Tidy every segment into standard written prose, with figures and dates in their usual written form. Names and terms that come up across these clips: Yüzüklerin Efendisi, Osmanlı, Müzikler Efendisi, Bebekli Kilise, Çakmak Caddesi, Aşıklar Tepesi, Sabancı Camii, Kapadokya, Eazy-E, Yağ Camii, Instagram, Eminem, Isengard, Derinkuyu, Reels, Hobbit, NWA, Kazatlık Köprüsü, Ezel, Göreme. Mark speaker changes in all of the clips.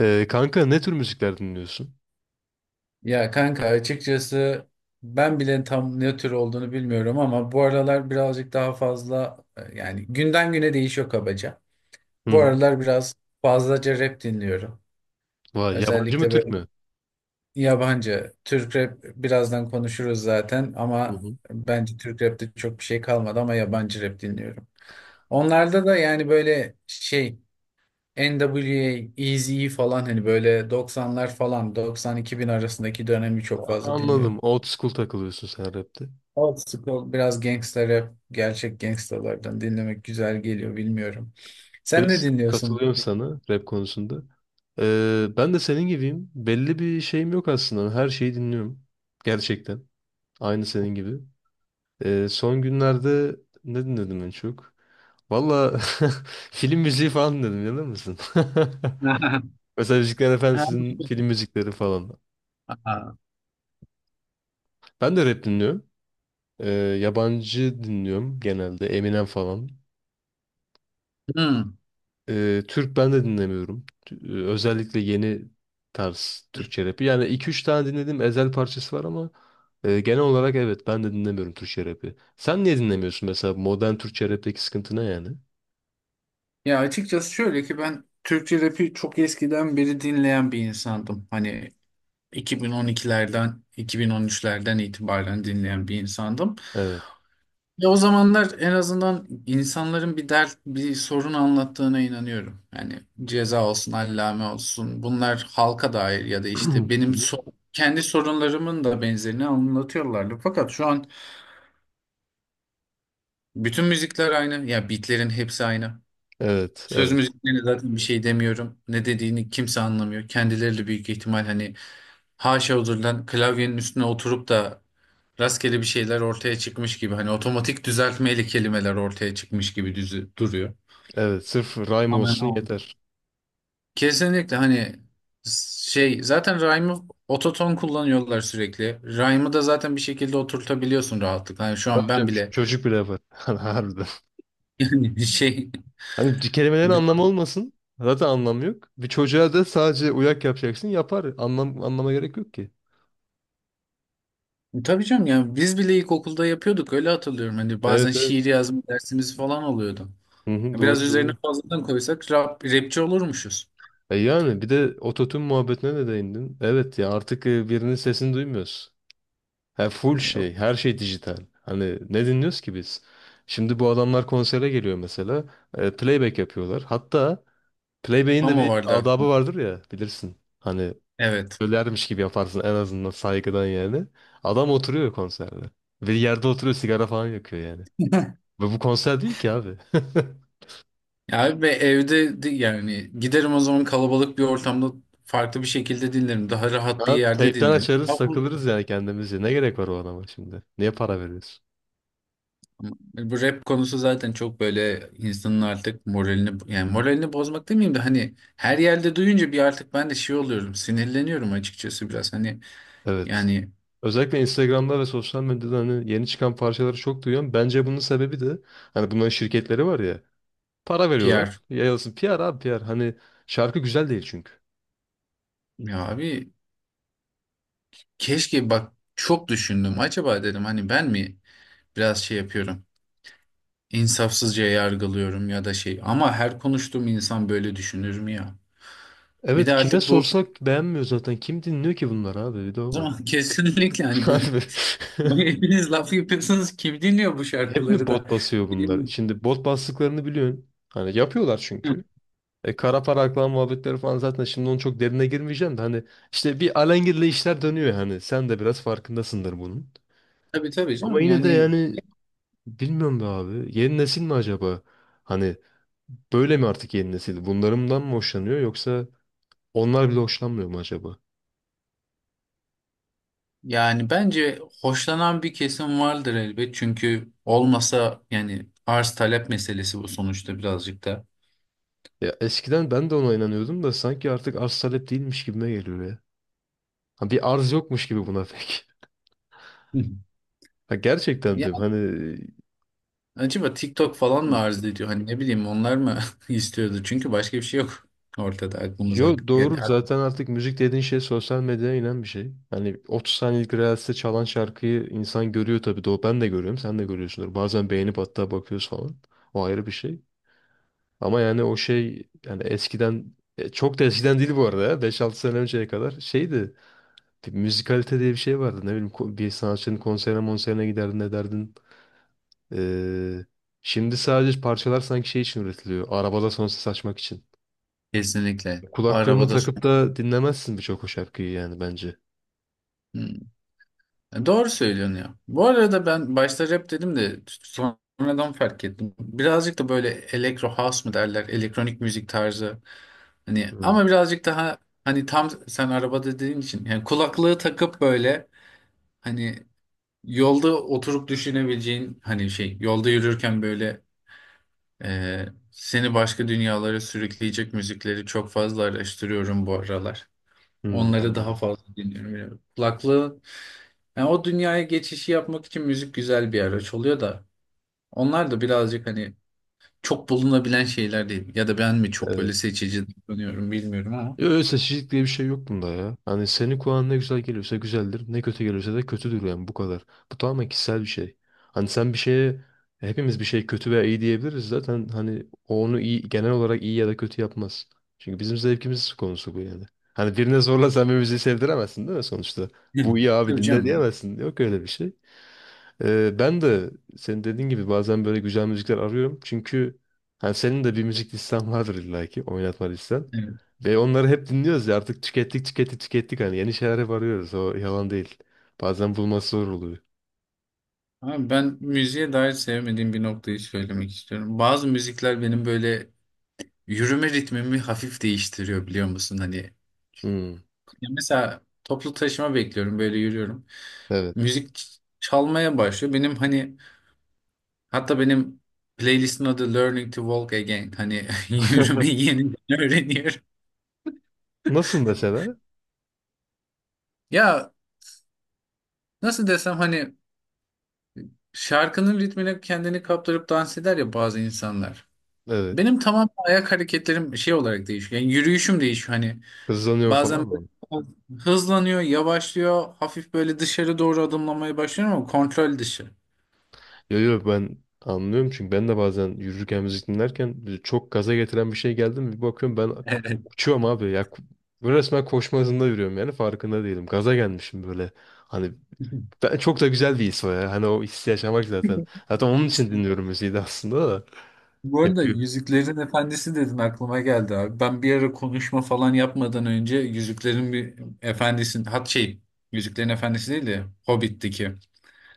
Speaker 1: Kanka ne tür müzikler dinliyorsun?
Speaker 2: Ya kanka açıkçası ben bile tam ne tür olduğunu bilmiyorum ama bu aralar birazcık daha fazla yani günden güne değişiyor kabaca.
Speaker 1: Hı
Speaker 2: Bu
Speaker 1: hı.
Speaker 2: aralar biraz fazlaca rap dinliyorum.
Speaker 1: Vay, yabancı mı
Speaker 2: Özellikle
Speaker 1: Türk
Speaker 2: böyle
Speaker 1: mü?
Speaker 2: yabancı Türk rap birazdan konuşuruz zaten
Speaker 1: Hı
Speaker 2: ama
Speaker 1: hı.
Speaker 2: bence Türk rapte çok bir şey kalmadı ama yabancı rap dinliyorum. Onlarda da yani böyle şey NWA, Eazy-E falan hani böyle 90'lar falan 90 bin arasındaki dönemi çok fazla
Speaker 1: Anladım.
Speaker 2: dinliyorum.
Speaker 1: Old school takılıyorsun sen rapte.
Speaker 2: Old school biraz gangster rap, gerçek gangstalardan dinlemek güzel geliyor bilmiyorum. Sen ne
Speaker 1: Hız,
Speaker 2: dinliyorsun?
Speaker 1: katılıyorum sana rap konusunda. Ben de senin gibiyim. Belli bir şeyim yok aslında. Her şeyi dinliyorum. Gerçekten. Aynı senin gibi. Son günlerde ne dinledim en çok? Valla film müziği falan dinledim. Yalan mısın? Mesela Müzikler
Speaker 2: Ha.
Speaker 1: Efendisi'nin film müzikleri falan.
Speaker 2: Aa.
Speaker 1: Ben de rap dinliyorum. Ee, Yabancı dinliyorum genelde. Eminem falan.
Speaker 2: Hmm.
Speaker 1: Türk ben de dinlemiyorum. Özellikle yeni tarz Türkçe rapi. Yani iki üç tane dinlediğim Ezel parçası var ama genel olarak evet ben de dinlemiyorum Türkçe rapi. Sen niye dinlemiyorsun mesela modern Türkçe rapteki sıkıntı ne yani?
Speaker 2: Ya açıkçası şöyle ki ben Türkçe rapi çok eskiden beri dinleyen bir insandım. Hani 2012'lerden, 2013'lerden itibaren dinleyen bir insandım.
Speaker 1: Evet.
Speaker 2: Ya o zamanlar en azından insanların bir dert, bir sorun anlattığına inanıyorum. Yani ceza olsun, allame olsun. Bunlar halka dair ya da işte
Speaker 1: Hı
Speaker 2: benim
Speaker 1: hı.
Speaker 2: kendi sorunlarımın da benzerini anlatıyorlardı. Fakat şu an bütün müzikler aynı. Ya beatlerin hepsi aynı.
Speaker 1: Evet,
Speaker 2: Söz
Speaker 1: evet,
Speaker 2: müziklerine zaten bir şey demiyorum. Ne dediğini kimse anlamıyor. Kendileri de büyük ihtimal hani haşa huzurdan klavyenin üstüne oturup da rastgele bir şeyler ortaya çıkmış gibi. Hani otomatik düzeltmeyle kelimeler ortaya çıkmış gibi duruyor.
Speaker 1: evet. Sırf rhyme
Speaker 2: Aman
Speaker 1: olsun
Speaker 2: aman.
Speaker 1: yeter.
Speaker 2: Kesinlikle hani şey zaten rhyme'ı ototon kullanıyorlar sürekli. Rhyme'ı da zaten bir şekilde oturtabiliyorsun rahatlıkla. Hani şu an
Speaker 1: Tabii
Speaker 2: ben
Speaker 1: canım,
Speaker 2: bile
Speaker 1: çocuk bile var. Harbiden.
Speaker 2: yani şey.
Speaker 1: Hani kelimelerin anlamı olmasın. Zaten anlam yok. Bir çocuğa da sadece uyak yapacaksın yapar. Anlam, anlama gerek yok ki.
Speaker 2: Tabii canım yani biz bile ilkokulda yapıyorduk öyle hatırlıyorum. Hani bazen
Speaker 1: Evet evet.
Speaker 2: şiir yazma dersimiz falan oluyordu.
Speaker 1: Hı hı,
Speaker 2: Biraz
Speaker 1: doğru
Speaker 2: üzerine
Speaker 1: doğru.
Speaker 2: fazladan koysak rapçi olurmuşuz.
Speaker 1: E yani bir de ototun muhabbetine de değindin. Evet ya artık birinin sesini duymuyoruz. Ha, full
Speaker 2: Hani
Speaker 1: şey
Speaker 2: yok
Speaker 1: her şey dijital. Hani ne dinliyoruz ki biz? Şimdi bu adamlar konsere geliyor mesela. Playback yapıyorlar. Hatta playback'in de
Speaker 2: ama o
Speaker 1: bir
Speaker 2: vardı
Speaker 1: adabı
Speaker 2: aklımda.
Speaker 1: vardır ya bilirsin. Hani
Speaker 2: Evet.
Speaker 1: ölermiş gibi yaparsın en azından saygıdan yani. Adam oturuyor konserde. Ve yerde oturuyor sigara falan yakıyor yani. Ve bu konser değil ki abi.
Speaker 2: Ya ve yani giderim o zaman kalabalık bir ortamda farklı bir şekilde dinlerim. Daha rahat bir
Speaker 1: Ha,
Speaker 2: yerde
Speaker 1: teypten
Speaker 2: dinlerim. Ya
Speaker 1: açarız
Speaker 2: bu,
Speaker 1: takılırız yani kendimizce. Ne gerek var o adama şimdi? Niye para veriyorsun?
Speaker 2: bu rap konusu zaten çok böyle insanın artık moralini yani moralini bozmak demeyeyim de hani her yerde duyunca bir artık ben de şey oluyorum sinirleniyorum açıkçası biraz. Hani
Speaker 1: Evet.
Speaker 2: yani
Speaker 1: Özellikle Instagram'da ve sosyal medyada hani yeni çıkan parçaları çok duyuyorum. Bence bunun sebebi de hani bunların şirketleri var ya. Para veriyorlar.
Speaker 2: PR.
Speaker 1: Yayılsın. PR abi PR. Hani şarkı güzel değil çünkü.
Speaker 2: Ya abi keşke bak çok düşündüm. Acaba dedim hani ben mi biraz şey yapıyorum? İnsafsızca yargılıyorum ya da şey. Ama her konuştuğum insan böyle düşünür mü ya? Bir
Speaker 1: Evet
Speaker 2: de
Speaker 1: kime
Speaker 2: artık bu
Speaker 1: sorsak beğenmiyor zaten. Kim dinliyor ki bunları abi? Bir de o
Speaker 2: o
Speaker 1: var.
Speaker 2: zaman kesinlikle hani böyle
Speaker 1: Harbi.
Speaker 2: hani hepiniz laf yapıyorsunuz kim dinliyor bu
Speaker 1: Hep mi
Speaker 2: şarkıları da?
Speaker 1: bot basıyor bunlar? Şimdi bot bastıklarını biliyorsun. Hani yapıyorlar
Speaker 2: Hı.
Speaker 1: çünkü. Kara para aklama muhabbetleri falan zaten şimdi onun çok derine girmeyeceğim de hani işte bir alengirli işler dönüyor yani. Sen de biraz farkındasındır bunun.
Speaker 2: Tabii tabii
Speaker 1: Ama
Speaker 2: canım
Speaker 1: yine de
Speaker 2: yani
Speaker 1: yani bilmiyorum be abi. Yeni nesil mi acaba? Hani böyle mi artık yeni nesil? Bunlarından mı hoşlanıyor yoksa onlar bile hoşlanmıyor mu acaba?
Speaker 2: yani bence hoşlanan bir kesim vardır elbet çünkü olmasa yani arz talep meselesi bu sonuçta birazcık da.
Speaker 1: Ya eskiden ben de ona inanıyordum da sanki artık arz talep değilmiş gibime geliyor ya. Ha, bir arz yokmuş gibi buna pek.
Speaker 2: Hı.
Speaker 1: Ha, gerçekten diyorum. Hani.
Speaker 2: Acaba TikTok falan mı
Speaker 1: Hı.
Speaker 2: arz ediyor? Hani ne bileyim onlar mı istiyordu? Çünkü başka bir şey yok ortada aklımıza.
Speaker 1: Yo,
Speaker 2: Yani
Speaker 1: doğru zaten artık müzik dediğin şey sosyal medyaya inen bir şey. Hani 30 saniyelik Reels'te çalan şarkıyı insan görüyor tabii doğru. Ben de görüyorum, sen de görüyorsundur. Bazen beğenip hatta bakıyoruz falan. O ayrı bir şey. Ama yani o şey yani eskiden çok da eskiden değil bu arada ya. 5-6 sene önceye kadar şeydi. Bir müzikalite diye bir şey vardı. Ne bileyim bir sanatçının konserine monserine giderdin ederdin. Ee, Şimdi sadece parçalar sanki şey için üretiliyor. Arabada sonsuz açmak için.
Speaker 2: kesinlikle.
Speaker 1: Kulaklığını
Speaker 2: Arabada.
Speaker 1: takıp da dinlemezsin birçok o şarkıyı yani bence.
Speaker 2: Hmm. Doğru söylüyorsun ya. Bu arada ben başta rap dedim de sonradan fark ettim. Birazcık da böyle elektro house mı derler? Elektronik müzik tarzı. Hani
Speaker 1: Hmm.
Speaker 2: ama birazcık daha hani tam sen arabada dediğin için yani kulaklığı takıp böyle hani yolda oturup düşünebileceğin hani şey yolda yürürken böyle seni başka dünyalara sürükleyecek müzikleri çok fazla araştırıyorum bu aralar.
Speaker 1: Hmm,
Speaker 2: Onları daha
Speaker 1: anladım.
Speaker 2: fazla dinliyorum. Yani yani o dünyaya geçişi yapmak için müzik güzel bir araç oluyor da. Onlar da birazcık hani çok bulunabilen şeyler değil. Ya da ben mi çok
Speaker 1: Evet.
Speaker 2: böyle seçici davranıyorum bilmiyorum ama.
Speaker 1: Öyle seçicilik diye bir şey yok bunda ya. Hani senin kulağına ne güzel geliyorsa güzeldir, ne kötü geliyorsa da kötüdür yani bu kadar. Bu tamamen kişisel bir şey. Hani sen bir şeye, hepimiz bir şey kötü veya iyi diyebiliriz zaten hani o onu iyi, genel olarak iyi ya da kötü yapmaz. Çünkü bizim zevkimiz konusu bu yani. Hani birine zorla sen bir müziği sevdiremezsin değil mi sonuçta?
Speaker 2: Hı.
Speaker 1: Bu iyi abi
Speaker 2: Tabii
Speaker 1: dinle
Speaker 2: canım.
Speaker 1: diyemezsin. Yok öyle bir şey. Ben de senin dediğin gibi bazen böyle güzel müzikler arıyorum. Çünkü hani senin de bir müzik listen vardır illaki oynatma listen.
Speaker 2: Evet.
Speaker 1: Ve onları hep dinliyoruz ya artık tükettik tükettik tükettik hani yeni şeyler hep arıyoruz o yalan değil. Bazen bulması zor oluyor.
Speaker 2: Ama ben müziğe dair sevmediğim bir noktayı söylemek istiyorum. Bazı müzikler benim böyle yürüme ritmimi hafif değiştiriyor biliyor musun? Hani
Speaker 1: Hmm,
Speaker 2: ya mesela toplu taşıma bekliyorum böyle yürüyorum.
Speaker 1: evet.
Speaker 2: Müzik çalmaya başlıyor. Benim hani hatta benim playlistin adı Learning to Walk Again. Hani yürümeyi yeniden öğreniyorum.
Speaker 1: Nasıl mesela?
Speaker 2: Ya nasıl desem hani şarkının ritmine kendini kaptırıp dans eder ya bazı insanlar.
Speaker 1: Evet.
Speaker 2: Benim tamam ayak hareketlerim şey olarak değişiyor. Yani yürüyüşüm değişiyor. Hani
Speaker 1: Kızlanıyorum
Speaker 2: bazen böyle
Speaker 1: falan.
Speaker 2: hızlanıyor, yavaşlıyor, hafif böyle dışarı doğru adımlamaya başlıyorum ama kontrol dışı.
Speaker 1: Yo yo, ben anlıyorum çünkü ben de bazen yürürken müzik dinlerken çok gaza getiren bir şey geldi mi bir bakıyorum ben
Speaker 2: Evet.
Speaker 1: uçuyorum abi ya. Böyle resmen koşma hızında yürüyorum yani farkında değilim gaza gelmişim böyle, hani ben, çok da güzel bir his o ya hani o hissi yaşamak zaten onun için dinliyorum müziği de aslında da
Speaker 2: Bu arada
Speaker 1: yapıyor.
Speaker 2: Yüzüklerin Efendisi dedin aklıma geldi abi. Ben bir ara konuşma falan yapmadan önce Yüzüklerin bir Efendisi'nin hat şey Yüzüklerin Efendisi değil de Hobbit'teki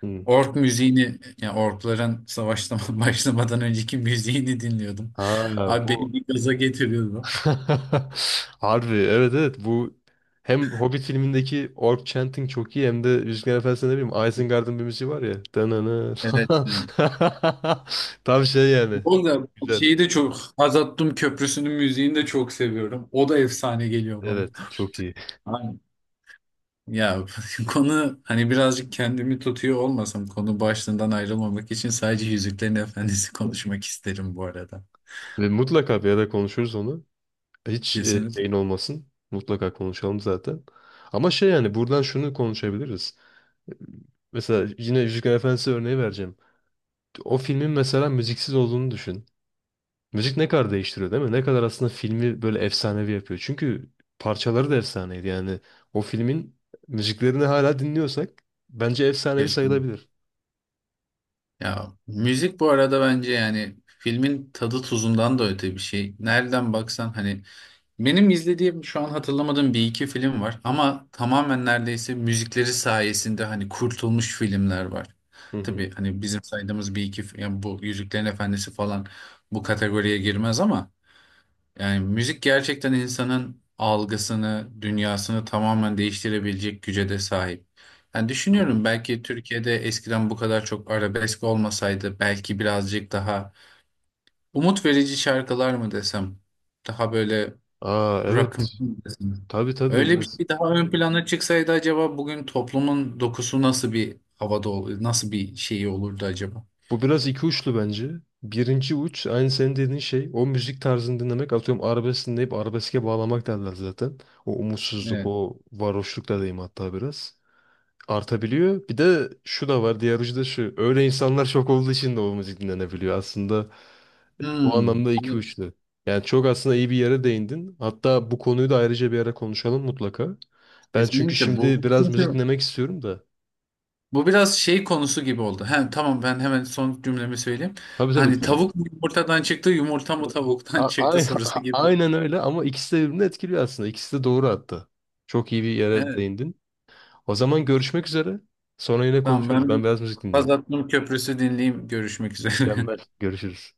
Speaker 1: Hı.
Speaker 2: ork müziğini yani orkların savaştan başlamadan önceki müziğini dinliyordum.
Speaker 1: Ha, bu
Speaker 2: Abi beni bir gaza getiriyordu.
Speaker 1: harbi evet evet bu hem Hobbit filmindeki orc chanting çok iyi hem de Yüzüklerin Efendisi'nde ne bileyim Isengard'ın bir müziği var ya. Danana
Speaker 2: Evet.
Speaker 1: falan.
Speaker 2: Yani.
Speaker 1: Tam şey yani.
Speaker 2: Bu arada
Speaker 1: Güzel.
Speaker 2: şeyi de çok Hazattum Köprüsü'nün müziğini de çok seviyorum. O da efsane geliyor bana.
Speaker 1: Evet çok iyi.
Speaker 2: Aynen. Ya konu hani birazcık kendimi tutuyor olmasam konu başlığından ayrılmamak için sadece Yüzüklerin Efendisi konuşmak isterim bu arada.
Speaker 1: Ve mutlaka bir ara konuşuruz onu. Hiç
Speaker 2: Kesinlikle.
Speaker 1: şeyin olmasın. Mutlaka konuşalım zaten. Ama şey yani buradan şunu konuşabiliriz. Mesela yine Yüzüklerin Efendisi örneği vereceğim. O filmin mesela müziksiz olduğunu düşün. Müzik ne kadar değiştiriyor değil mi? Ne kadar aslında filmi böyle efsanevi yapıyor. Çünkü parçaları da efsaneydi. Yani o filmin müziklerini hala dinliyorsak bence efsanevi
Speaker 2: Kesinlikle.
Speaker 1: sayılabilir.
Speaker 2: Ya müzik bu arada bence yani filmin tadı tuzundan da öte bir şey. Nereden baksan hani benim izlediğim şu an hatırlamadığım bir iki film var ama tamamen neredeyse müzikleri sayesinde hani kurtulmuş filmler var.
Speaker 1: Hı hı.
Speaker 2: Tabii hani bizim saydığımız bir iki yani bu Yüzüklerin Efendisi falan bu kategoriye girmez ama. Yani müzik gerçekten insanın algısını, dünyasını tamamen değiştirebilecek güce de sahip. Yani
Speaker 1: Doğru.
Speaker 2: düşünüyorum belki Türkiye'de eskiden bu kadar çok arabesk olmasaydı belki birazcık daha umut verici şarkılar mı desem, daha böyle
Speaker 1: Aa evet.
Speaker 2: rock'ımsı mı desem.
Speaker 1: Tabii tabii.
Speaker 2: Öyle bir şey daha ön plana çıksaydı acaba bugün toplumun dokusu nasıl bir havada olur, nasıl bir şeyi olurdu acaba?
Speaker 1: Bu biraz iki uçlu bence. Birinci uç aynı senin dediğin şey o müzik tarzını dinlemek atıyorum arabesk dinleyip arabeske bağlamak derler zaten. O umutsuzluk,
Speaker 2: Evet.
Speaker 1: o varoşluk da diyeyim hatta biraz artabiliyor. Bir de şu da var, diğer ucu da şu. Öyle insanlar çok olduğu için de o müzik dinlenebiliyor. Aslında o
Speaker 2: Hmm.
Speaker 1: anlamda iki
Speaker 2: Evet.
Speaker 1: uçlu. Yani çok aslında iyi bir yere değindin. Hatta bu konuyu da ayrıca bir ara konuşalım mutlaka. Ben çünkü
Speaker 2: Kesinlikle bu,
Speaker 1: şimdi
Speaker 2: bu
Speaker 1: biraz müzik
Speaker 2: çünkü
Speaker 1: dinlemek istiyorum da.
Speaker 2: Bu biraz şey konusu gibi oldu. Hem tamam ben hemen son cümlemi söyleyeyim.
Speaker 1: Tabii tabii
Speaker 2: Hani
Speaker 1: lütfen.
Speaker 2: tavuk mu yumurtadan çıktı, yumurta mı tavuktan
Speaker 1: A-
Speaker 2: çıktı
Speaker 1: ay-
Speaker 2: sorusu gibi oldu.
Speaker 1: Aynen öyle ama ikisi de birbirini etkiliyor aslında. İkisi de doğru hatta. Çok iyi bir yere
Speaker 2: Evet.
Speaker 1: değindin. O zaman görüşmek üzere. Sonra yine
Speaker 2: Tamam
Speaker 1: konuşuruz.
Speaker 2: ben
Speaker 1: Ben
Speaker 2: bir
Speaker 1: biraz müzik dinleyeyim.
Speaker 2: Kazatlık Köprüsü dinleyeyim. Görüşmek üzere.
Speaker 1: Mükemmel. Görüşürüz.